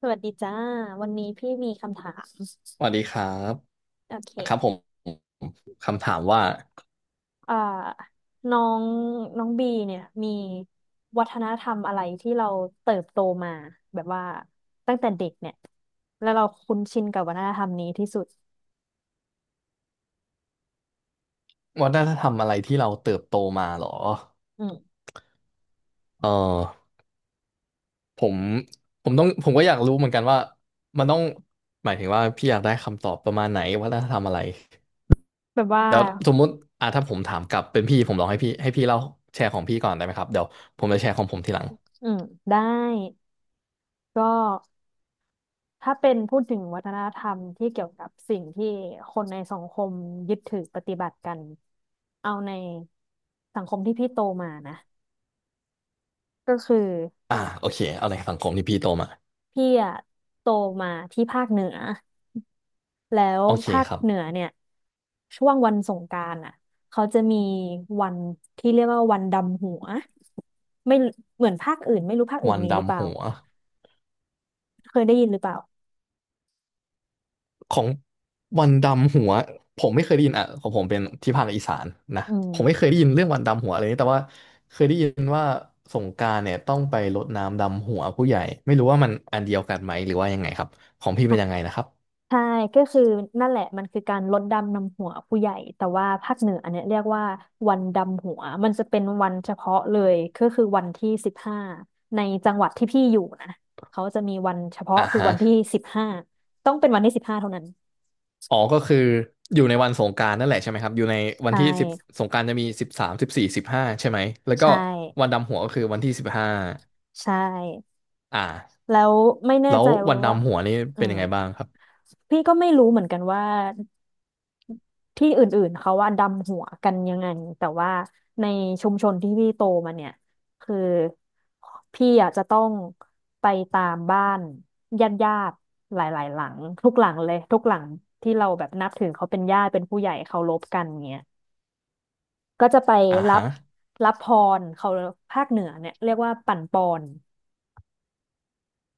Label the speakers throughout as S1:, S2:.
S1: สวัสดีจ้าวันนี้พี่มีคำถาม
S2: สวัสดีครับ
S1: โอเค
S2: ครับผมคำถามว่า
S1: อ่าน้องน้องบีเนี่ยมีวัฒนธรรมอะไรที่เราเติบโตมาแบบว่าตั้งแต่เด็กเนี่ยแล้วเราคุ้นชินกับวัฒนธรรมนี้ที่สุด
S2: วัฒนธรรมอะไรที่เราเติบโตมาหรอ
S1: อืม
S2: เออผมผมก็อยากรู้เหมือนกันว่ามันต้องหมายถึงว่าพี่อยากได้คำตอบประมาณไหนวัฒนธรรมอะไร
S1: แบบว่า
S2: แล้วสมมุติอ่ะถ้าผมถามกลับเป็นพี่ผมลองให้พี่เล่าแชร์ของพี่ก่อนได้ไหมครับเดี๋ยวผมจะแชร์ของผมทีหลัง
S1: อืมได้ก็ถ้าเป็นพูดถึงวัฒนธรรมที่เกี่ยวกับสิ่งที่คนในสังคมยึดถือปฏิบัติกันเอาในสังคมที่พี่โตมานะก็คือ
S2: อ่าโอเคเอาในสังคมที่พี่โตมา
S1: พี่อะโตมาที่ภาคเหนือแล้ว
S2: โอเค
S1: ภาค
S2: ครั
S1: เหนือ
S2: บ
S1: เนี่ยช่วงวันสงกรานต์อ่ะเขาจะมีวันที่เรียกว่าวันดำหัวไม่เหมือนภาคอื่นไม่รู้ภาคอื่
S2: วั
S1: น
S2: น
S1: มีหรือเป
S2: ดำ
S1: ล่า
S2: หัว
S1: เคยได้ยินหรือเปล่า
S2: ของวันดำหัวผมไม่เคยได้ยินอ่ะของผมเป็นที่ภาคอีสานนะ
S1: อื
S2: ผมไม่เค
S1: ม
S2: ยได้ยินเรื่องวันดำหัวอะไรนี้แต่ว่าเคยได้ยินว่าสงกรานต์เนี่ยต้องไปรดน้ำดำหัวผู้ใหญ่ไม่รู้ว่ามันอันเดียวกันไหมหรือว่ายังไงครับของพี่เป็นยังไงนะครับ
S1: ใช่ก็คือนั่นแหละมันคือการลดดำนำหัวผู้ใหญ่แต่ว่าภาคเหนืออันเนี้ยเรียกว่าวันดำหัวมันจะเป็นวันเฉพาะเลยก็คือวันที่สิบห้าในจังหวัดที่พี่อยู่นะเขาจะมีวันเฉพาะ
S2: อ่า
S1: คือ
S2: ฮะ
S1: วันที่สิบห้าต้องเป็นวันที่สิบห้าเท่านั้น
S2: อ๋อก็คืออยู่ในวันสงกรานต์นั่นแหละใช่ไหมครับอยู่ในวัน
S1: ใช่
S2: ที่สิบสงกรานต์จะมีสิบสาม14สิบห้าใช่ไหมแล้วก็
S1: ใช่
S2: วันดำหัวก็คือวันที่สิบห้า
S1: ใช่
S2: อ่า
S1: แล้วไม่แน่
S2: แล้ว
S1: ใจ
S2: วัน
S1: ว่า
S2: ดำหัวนี่
S1: เออ
S2: เป็นยังไงบ้างครับ
S1: พี่ก็ไม่รู้เหมือนกันว่า ที่อื่นๆเขาว่าดำหัวกันยังไงแต่ว่าในชุมชนที่พี่โตมาเนี่ยคือพี่อ่ะจะต้องไปตามบ้านญาติญาติหลายๆหลังทุกหลังเลยทุกหลังที่เราแบบนับถือเขาเป็นญาติเป็นผู้ใหญ่เคารพกันเนี่ยก็จะไป
S2: อ่า
S1: รั
S2: ฮะ
S1: บรับพรเขาภาคเหนือเนี่ยเรียกว่าปั่นปอน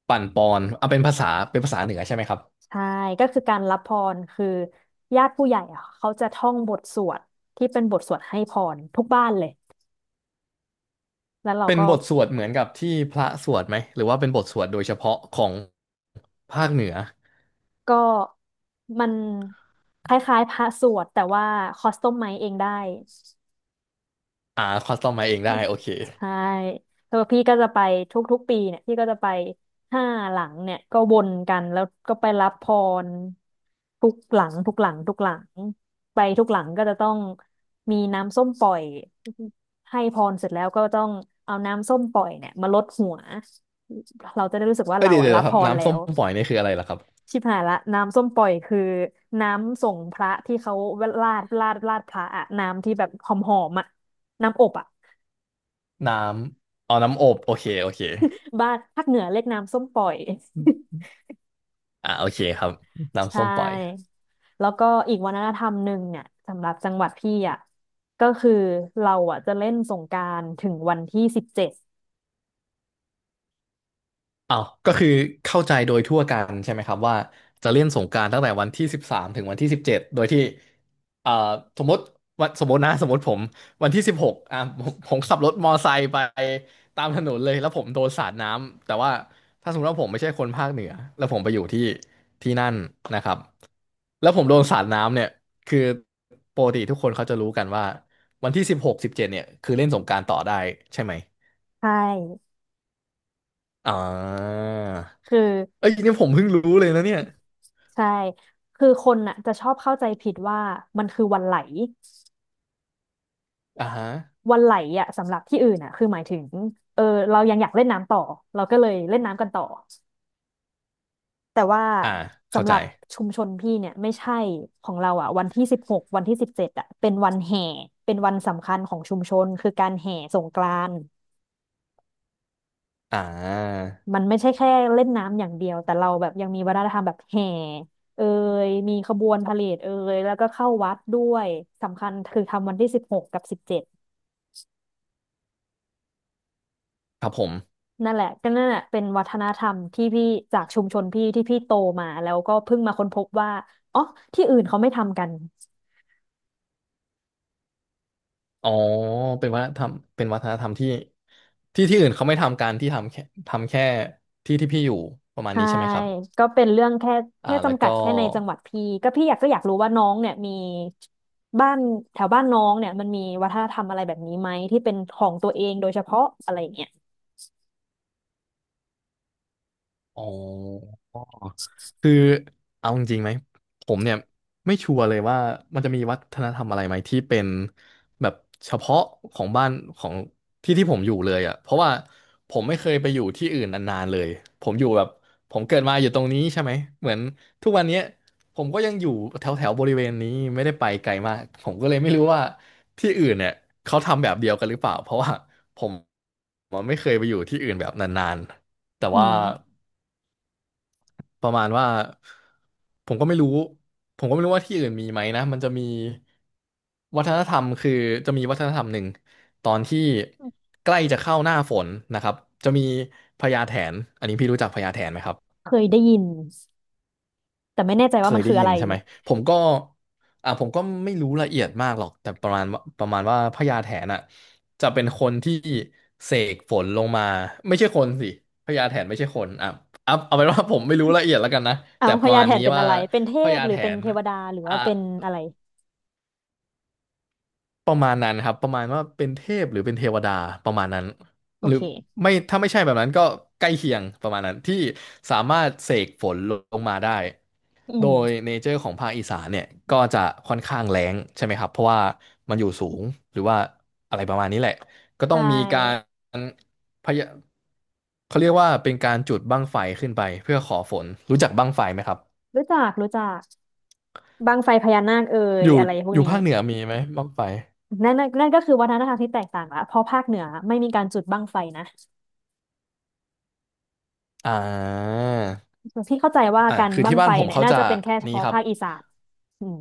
S2: ปั่นปอนเอาเป็นภาษาเป็นภาษาเหนือใช่ไหมครับ
S1: ใช่ก็คือการรับพรคือญาติผู้ใหญ่อะเขาจะท่องบทสวดที่เป็นบทสวดให้พรทุกบ้านเลยแล้วเรา
S2: เป็น
S1: ก็
S2: บทสวดเหมือนกับที่พระสวดไหมหรือว่าเป็นบทสวดโดยเฉพาะของภาคเหนือ
S1: ก็มันคล้ายๆพระสวดแต่ว่าคอสตอมไมซ์เองได้
S2: อ่าคัสตอมมาเองได้โอเค
S1: ใช่แล้วพี่ก็จะไปทุกๆปีเนี่ยพี่ก็จะไป5 หลังเนี่ยก็วนกันแล้วก็ไปรับพรทุกหลังทุกหลังทุกหลังไปทุกหลังก็จะต้องมีน้ำส้มปล่อยให้พรเสร็จแล้วก็ต้องเอาน้ำส้มปล่อยเนี่ยมาลดหัวเราจะได้รู้สึกว่า
S2: เอ้ย
S1: เรา
S2: เดี๋ยว
S1: อะ
S2: เดี๋ย
S1: รับ
S2: วค
S1: พ
S2: รับ
S1: รแล้
S2: น้ำส้ม
S1: ว
S2: ปล่อยนี่คืออะไรล่ะครับ
S1: ชิบหายละน้ำส้มปล่อยคือน้ำส่งพระที่เขาราดพระอะน้ำที่แบบหอมหอมอะน้ำอบอะ
S2: น้ำเอาน้ำอบโอเคโอเค
S1: บ้านภาคเหนือเรียกน้ำส้มปล่อย
S2: อ่าโอเคครับ
S1: ใช
S2: น้ำส้มปล่อย
S1: ่แล้วก็อีกวัฒนธรรมหนึ่งเนี่ยสำหรับจังหวัดพี่อะก็คือเราอะจะเล่นสงกรานต์ถึงวันที่สิบเจ็ด
S2: อ้าวก็คือเข้าใจโดยทั่วกันใช่ไหมครับว่าจะเล่นสงกรานต์ตั้งแต่วันที่สิบสามถึงวันที่สิบเจ็ดโดยที่เอ่อสมมติวันสมมตินะสมมติผมวันที่สิบหกอ่ะผมขับรถมอไซค์ไปตามถนนเลยแล้วผมโดนสาดน้ำแต่ว่าถ้าสมมติว่าผมไม่ใช่คนภาคเหนือแล้วผมไปอยู่ที่ที่นั่นนะครับแล้วผมโดนสาดน้ำเนี่ยคือปกติทุกคนเขาจะรู้กันว่าวันที่สิบหกสิบเจ็ดเนี่ยคือเล่นสงกรานต์ต่อได้ใช่ไหม
S1: ใช่
S2: อ่า
S1: คือ
S2: เอ้ยเนี่ยผมเพิ่งรู้เลยนะเนี่ย
S1: ใช่คือคนน่ะจะชอบเข้าใจผิดว่ามันคือวันไหล
S2: อ่าฮะ
S1: วันไหลอ่ะสำหรับที่อื่นอ่ะคือหมายถึงเออเรายังอยากเล่นน้ำต่อเราก็เลยเล่นน้ำกันต่อแต่ว่า
S2: อ่า เข้า
S1: สำห
S2: ใจ
S1: รับชุมชนพี่เนี่ยไม่ใช่ของเราอ่ะวันที่ 16 วันที่ 17อ่ะเป็นวันแห่เป็นวันสำคัญของชุมชนคือการแห่สงกรานต์
S2: อ่า
S1: มันไม่ใช่แค่เล่นน้ำอย่างเดียวแต่เราแบบยังมีวัฒนธรรมแบบแห่เอยมีขบวนพาเหรดเอยแล้วก็เข้าวัดด้วยสำคัญคือทำวันที่ 16 กับ 17
S2: ครับผม
S1: นั่นแหละก็นั่นแหละเป็นวัฒนธรรมที่พี่จากชุมชนพี่ที่พี่โตมาแล้วก็เพิ่งมาค้นพบว่าอ๋อที่อื่นเขาไม่ทำกัน
S2: อ๋อ เป็นวัฒนธรรมเป็นวัฒนธรรมที่ ที่ที่อื่นเขาไม่ทำการที่ทำแค่ที่ที่พี่อยู่ ประมาณ
S1: ใช่
S2: นี้ใช่ไหมครับ
S1: ก็เป็นเรื่องแค่
S2: อ่า
S1: แค่
S2: แล้ว
S1: จำกั
S2: ก็
S1: ดแค่ในจังหวัดพี่ก็พี่อยากก็อยากรู้ว่าน้องเนี่ยมีบ้านแถวบ้านน้องเนี่ยมันมีวัฒนธรรมอะไรแบบนี้ไหมที่เป็นของตัวเองโดยเฉพาะอะไรอย่างเงี้ย
S2: อ๋อ คือเอาจริงๆไหมผมเนี่ยไม่ชัวร์เลยว่ามันจะมีวัฒนธรรมอะไรไหมที่เป็นแบบเฉพาะของบ้านของที่ที่ผมอยู่เลยอ่ะเพราะว่าผมไม่เคยไปอยู่ที่อื่นนานๆเลยผมอยู่แบบผมเกิดมาอยู่ตรงนี้ใช่ไหมเหมือนทุกวันเนี้ยผมก็ยังอยู่แถวแถวบริเวณนี้ไม่ได้ไปไกลมากผมก็เลยไม่รู้ว่าที่อื่นเนี่ยเขาทำแบบเดียวกันหรือเปล่าเพราะว่าผมผมไม่เคยไปอยู่ที่อื่นแบบนานๆแต่
S1: อื
S2: ว่า
S1: ม
S2: ประมาณว่าผมก็ไม่รู้ผมก็ไม่รู้ว่าที่อื่นมีไหมนะมันจะมีวัฒนธรรมคือจะมีวัฒนธรรมหนึ่งตอนที่ใกล้จะเข้าหน้าฝนนะครับจะมีพญาแถนอันนี้พี่รู้จักพญาแถนไหมครับ
S1: เคยได้ยินแต่ไม่แน่ใจ
S2: เค
S1: ว่า
S2: ย
S1: มัน
S2: ได้
S1: คือ
S2: ยิ
S1: อะ
S2: น
S1: ไร
S2: ใช่ไหมผมก็อ่าผมก็ไม่รู้ละเอียดมากหรอกแต่ประมาณว่าพญาแถนอ่ะจะเป็นคนที่เสกฝนลงมาไม่ใช่คนสิพญาแถนไม่ใช่คนอ่ะเอาเป็นว่าผมไม่รู้ละเอียดแล้วกันนะ
S1: เอา
S2: แต่
S1: พ
S2: ประ
S1: ญา
S2: มาณ
S1: แถน
S2: นี้
S1: เป็น
S2: ว่า
S1: อะไรเป็นเท
S2: พ
S1: พ
S2: ญา
S1: หรื
S2: แถ
S1: อเป็น
S2: น
S1: เทวดาหรือ
S2: อ่ะ
S1: ว่าเป็นอะไร
S2: ประมาณนั้นครับประมาณว่าเป็นเทพหรือเป็นเทวดาประมาณนั้น
S1: โอ
S2: หรือ
S1: เค
S2: ไม่ถ้าไม่ใช่แบบนั้นก็ใกล้เคียงประมาณนั้นที่สามารถเสกฝนลงมาได้
S1: อื
S2: โด
S1: ม
S2: ยเนเจอร์ของภาคอีสานเนี่ยก็จะค่อนข้างแล้งใช่ไหมครับเพราะว่ามันอยู่สูงหรือว่าอะไรประมาณนี้แหละก็
S1: ใช
S2: ต้องมีกา
S1: ่
S2: รพยาเขาเรียกว่าเป็นการจุดบั้งไฟขึ้นไปเพื่อขอฝนรู้จักบั้งไฟไหมครับ
S1: รู้จักรู้จักบั้งไฟพญานาคเอ่
S2: อ
S1: ย
S2: ยู่
S1: อะไรพว
S2: อ
S1: ก
S2: ยู่
S1: นี้
S2: ภาคเหนือมีไหมบั้งไฟ
S1: นั่นก็คือวัฒนธรรมที่แตกต่างละเพราะภาคเหนือไม่มีการจุดบั้งไฟนะ
S2: อ่า
S1: พี่เข้าใจว่า
S2: อ่า
S1: การ
S2: คือ
S1: บั้
S2: ที่
S1: ง
S2: บ้า
S1: ไฟ
S2: นผม
S1: เนี่ย
S2: เขา
S1: น่า
S2: จะ
S1: จะเป็นแค่เฉ
S2: นี้
S1: พาะ
S2: ครับ
S1: ภาคอีสานอืม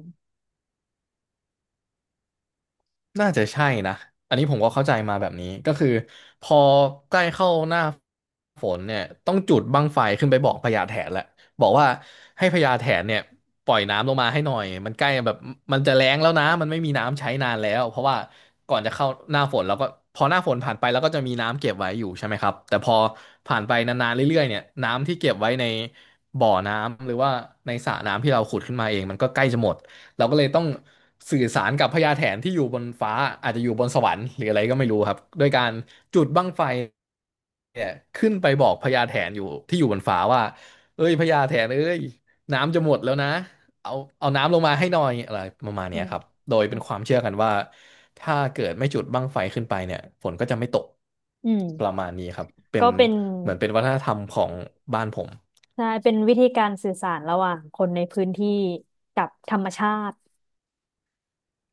S2: น่าจะใช่นะอันนี้ผมก็เข้าใจมาแบบนี้ก็คือพอใกล้เข้าหน้าฝนเนี่ยต้องจุดบั้งไฟขึ้นไปบอกพญาแถนแหละบอกว่าให้พญาแถนเนี่ยปล่อยน้ำลงมาให้หน่อยมันใกล้แบบมันจะแล้งแล้วนะมันไม่มีน้ำใช้นานแล้วเพราะว่าก่อนจะเข้าหน้าฝนแล้วก็พอหน้าฝนผ่านไปแล้วก็จะมีน้ำเก็บไว้อยู่ใช่ไหมครับแต่พอผ่านไปนานๆเรื่อยๆเนี่ยน้ำที่เก็บไว้ในบ่อน้ำหรือว่าในสระน้ำที่เราขุดขึ้นมาเองมันก็ใกล้จะหมด เราก็เลยต้องสื่อสารกับพญาแถนที่อยู่บนฟ้าอาจจะอยู่บนสวรรค์หรืออะไรก็ไม่รู้ครับด้วยการจุดบั้งไฟเนี่ยขึ้นไปบอกพญาแถนอยู่ที่อยู่บนฟ้าว่าเอ้ยพญาแถนเอ้ยน้ำจะหมดแล้วนะเอาเอาน้ำลงมาให้หน่อยอะไรประมาณเนี้ย
S1: อื
S2: ครับ
S1: ม
S2: โดยเป็นความเชื่อกันว่าถ้าเกิดไม่จุดบั้งไฟขึ้นไปเนี่ยฝนก็จะไม่ตก
S1: อืม
S2: ประมาณนี้ครับเป็น
S1: ก็เป็น
S2: เหมือนเป็นวัฒนธรรมของบ้านผม
S1: ใช่เป็นวิธีการสื่อสารระหว่างคนในพื้นที่กับธรรมชาติ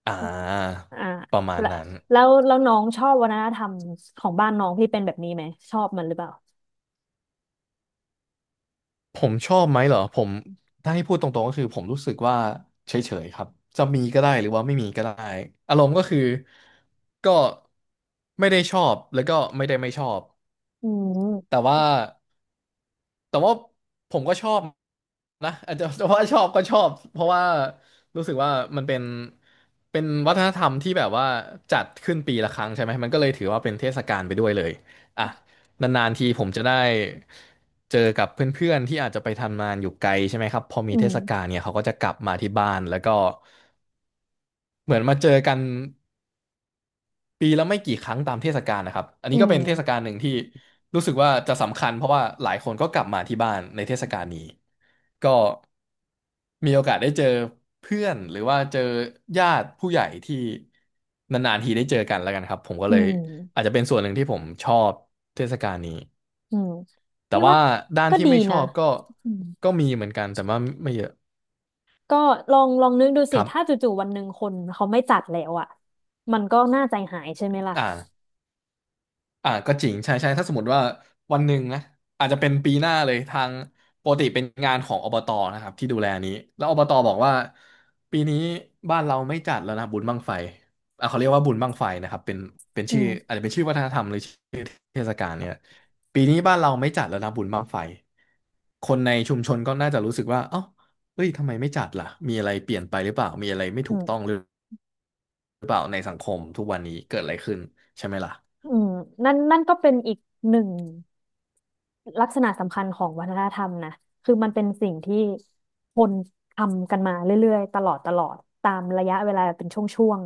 S2: อ่า
S1: อ่า
S2: ประมาณ
S1: แล้ว
S2: นั้น
S1: แล้วน้องชอบวัฒนธรรมของบ้านน้องที่เป็นแบบนี้ไหมชอบมันหรือเปล่า
S2: ผมชอบไหมเหรอผมถ้าให้พูดตรงๆก็คือผมรู้สึกว่าเฉยๆครับจะมีก็ได้หรือว่าไม่มีก็ได้อารมณ์ก็คือก็ไม่ได้ชอบแล้วก็ไม่ได้ไม่ชอบ
S1: อืม
S2: แต่ว่า แต่ว่าผมก็ชอบนะ อาจจะแต่ว่าชอบก็ชอบเพราะว่ารู้สึกว่ามันเป็นวัฒนธรรมที่แบบว่าจัดขึ้นปีละครั้งใช่ไหมมันก็เลยถือว่าเป็นเทศกาลไปด้วยเลยอ่ะนานๆทีผมจะได้เจอกับเพื่อนๆที่อาจจะไปทำงานอยู่ไกลใช่ไหมครับพอมี
S1: อื
S2: เท
S1: ม
S2: ศกาลเนี่ยเขาก็จะกลับมาที่บ้านแล้วก็เหมือนมาเจอกัน ปีละไม่กี่ครั้งตามเทศกาลนะครับ อัน
S1: อื
S2: นี้ก็เป็นเทศกาล
S1: ม
S2: หนึ่งที่รู้สึกว่าจะสำคัญเพราะว่าหลายคนก็กลับมาที่บ้านในเทศกาลนี้ก็มีโอกาสได้เจอเพื่อนหรือว่าเจอญาติผู้ใหญ่ที่นานๆทีได้เจอกันแล้วกันครับผมก็
S1: อื
S2: เลยอาจ
S1: ม
S2: จะเป็นส่วนหนึ่งที่ผมชอบเทศกาลนี้
S1: อืม
S2: แต่
S1: พี่ว่า
S2: ว่าด้าน
S1: ก็
S2: ที่
S1: ดี
S2: ไม่ชอ
S1: นะ
S2: บก็
S1: อืม
S2: ก็มีเหมือนกันแต่ว่าไม่เยอะ
S1: ก็ลองลองนึกดู
S2: ค
S1: สิ
S2: รั
S1: ถ้า
S2: บ
S1: จู่ๆวันหนึ่งคนเขาไม่จัดแล้วอ่ะมันก็น่าใจหายใช่ไหมล่ะ
S2: อ่า อ่าก็จริงใช่ใช่ถ้าสมมติว่าวันหนึ่งนะอาจจะเป็นปีหน้าเลยทางปกติเป็นงานของอบตนะครับที่ดูแลนี้แล้วอบตบอกว่าปีนี้บ้านเราไม่จัดแล้วนะบุญบั้งไฟอ่ะเขาเรียกว่าบุญบั้งไฟนะครับเป็น
S1: อื
S2: ชื่ออา
S1: ม
S2: จจะเป็นชื่อวัฒนธรรมหรือชื่อเทศกาลเนี่ยปีนี้บ้านเราไม่จัดแล้วนะบุญบั้งไฟคนในชุมชนก็น่าจะรู้สึกว่าเอ้าเฮ้ยทำไมไม่จัดล่ะมีอะไรเปลี่ยนไปหรือเปล่ามีอะไรไม่
S1: อื
S2: ถูก
S1: ม
S2: ต้องหรือเปล่าในสังคมทุกวันนี้เกิดอะไรขึ้นใช่ไหมล่ะ
S1: อืมนั่นก็เป็นอีกหนึ่งลักษณะสำคัญของวัฒนธรรมนะคือมันเป็นสิ่งที่คนทำกันมาเรื่อยๆตลอดตลอดตามระยะเวลาเป็นช่วง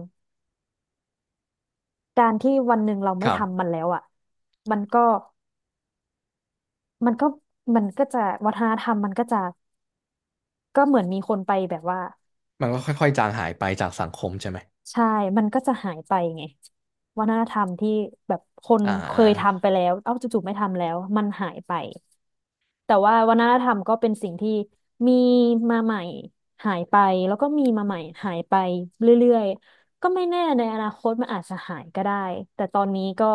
S1: ๆการที่วันหนึ่งเรา
S2: ค
S1: ไม่
S2: รั
S1: ทำมั
S2: บ
S1: นแล้วอ่ะมันก็มันก็มันก็จะวัฒนธรรมมันก็จะก็เหมือนมีคนไปแบบว่า
S2: มันก็ค่อยๆจางหายไปจากสังคมใช่ไหม
S1: ใช่มันก็จะหายไปไงวัฒนธรรมที่แบบคน
S2: อ่า
S1: เค
S2: อ่า
S1: ยทำไปแล้วเอ้าจู่ๆไม่ทำแล้วมันหายไปแต่ว่าวัฒนธรรมก็เป็นสิ่งที่มีมาใหม่หายไปแล้วก็มีมาใหม่หายไปเรื่อยๆก็ไม่แน่ในอนาคตมันอาจจะหายก็ได้แต่ตอนนี้ก็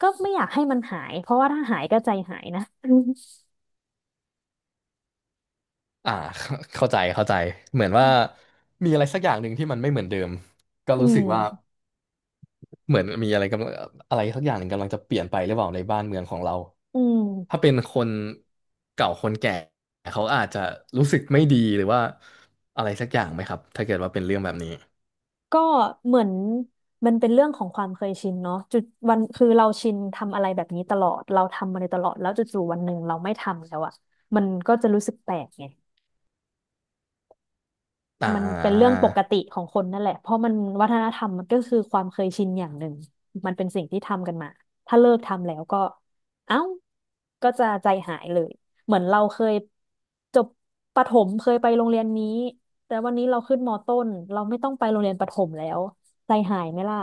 S1: ไม่อยากให้มันหายเพราะว่าถ้าหายก็ใจหายนะ
S2: อ่า เข้าใจเข้าใจเหมือนว่ามีอะไรสักอย่างหนึ่งที่มันไม่เหมือนเดิมก็
S1: อื
S2: รู้สึ
S1: ม
S2: กว่าเหมือนมีอะไรกำลังอะไรสักอย่างหนึ่งกำลังจะเปลี่ยนไปหรือเปล่าในบ้านเมืองของเรา
S1: อื
S2: ถ้า
S1: ม
S2: เป็นคนเก่าคนแก่เขาอาจจะรู้สึกไม่ดีหรือว่าอะไรสักอย่างไหมครับถ้าเกิดว่าเป็นเรื่องแบบนี้
S1: ก็เหมือนมันเป็นเรื่องของความเคยชินเนาะจุดวันคือเราชินทำอะไรแบบนี้ตลอดเราทำมาโดยตลอดแล้วจู่ๆวันหนึ่งเราไม่ทำแล้วอ่ะมันก็จะรู้สึกแปลกไง
S2: อ่
S1: มันเป็นเรื่อง
S2: า
S1: ปกติของคนนั่นแหละเพราะมันวัฒนธรรมมันก็คือความเคยชินอย่างหนึ่งมันเป็นสิ่งที่ทำกันมาถ้าเลิกทำแล้วก็เอ้าก็จะใจหายเลยเหมือนเราเคยจบประถมเคยไปโรงเรียนนี้แต่วันนี้เราขึ้นมต้นเราไม่ต้องไปโรงเรียนประถมแล้วใจหายไหมล่ะ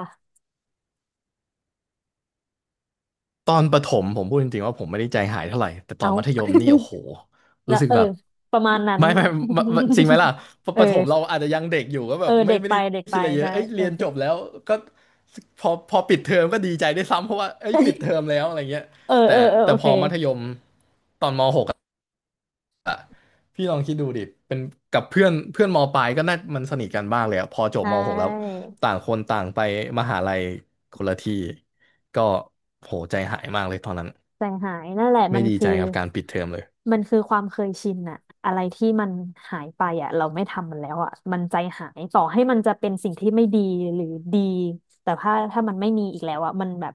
S2: ตอนประถมผมพูดจริงๆว่าผมไม่ได้ใจหายเท่าไหร่แต่ตอน
S1: เอา
S2: มัธยมนี่โอ้โห รู้
S1: นะ
S2: สึก
S1: เออ
S2: แบบ
S1: ประมาณนั้น
S2: ไม่ไม่ไม่จริงไหมล่ะ ป
S1: เอ
S2: ป
S1: อ
S2: ระถมเราอาจจะยังเด็กอยู่ก็แบ
S1: เออ
S2: บไม่
S1: เด็ก
S2: ไม่
S1: ไป
S2: ได้
S1: เด็ก
S2: คิ
S1: ไป
S2: ดอะไรเยอะ
S1: ใช่
S2: เอ้ย
S1: โอ
S2: เรียน
S1: เค
S2: จบแล้วก็พอปิดเทอมก็ดีใจได้วยซ้ำเพราะว่าเอ้ยปิดเทอ มแล้วอะไรเงี้ย
S1: เออ
S2: แต่
S1: เออเออ
S2: แต่
S1: โอ
S2: พ
S1: เค
S2: อมัธยมตอนม .6 อะพี่ลองคิดดูดิเป็นกับเพื่อนเพื่อนมปลายก็น่ามันสนิทกันบ้างเลยอะพอจ
S1: ใช
S2: บม .6 แล้ว
S1: ่
S2: ต่างคนต่างไปมหาลัยคนละที่ก็โหใจหายมากเลยตอนนั้น
S1: แต่งหายนั่นแหละ
S2: ไม่
S1: มัน
S2: ดี
S1: คื
S2: ใจ
S1: อ
S2: กับการปิดเทอมเลย
S1: มันคือความเคยชินอะอะไรที่มันหายไปอะเราไม่ทำมันแล้วอะมันใจหายต่อให้มันจะเป็นสิ่งที่ไม่ดีหรือดีแต่ถ้ามันไม่มีอีกแล้วอะมันแบบ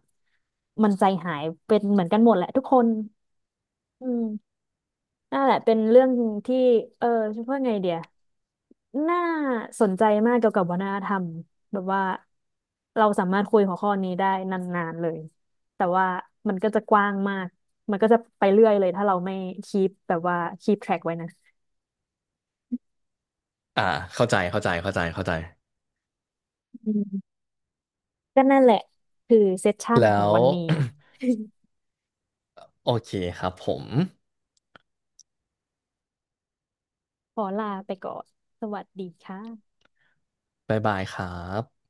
S1: มันใจหายเป็นเหมือนกันหมดแหละทุกคนอืม นั่นแหละเป็นเรื่องที่เออจะพูดไงเดียน่าสนใจมากเกี่ยวกับวัฒนธรรมแบบว่าเราสามารถคุยหัวข้อนี้ได้นานๆเลยแต่ว่ามันก็จะกว้างมากมันก็จะไปเรื่อยเลยถ้าเราไม่คีปแบบว่าคีปแทร็กไว้นะ
S2: อ่าเข้าใจเข้าใจ เข้าใจ เข้าใจ
S1: อืมก็นั่นแหละคือเซสชั่นข
S2: แล้
S1: อง
S2: ว
S1: วันนี้
S2: โอเคครับผม
S1: ขอลาไปก่อนสวัสดีค่ะ
S2: บ๊ายบายครับ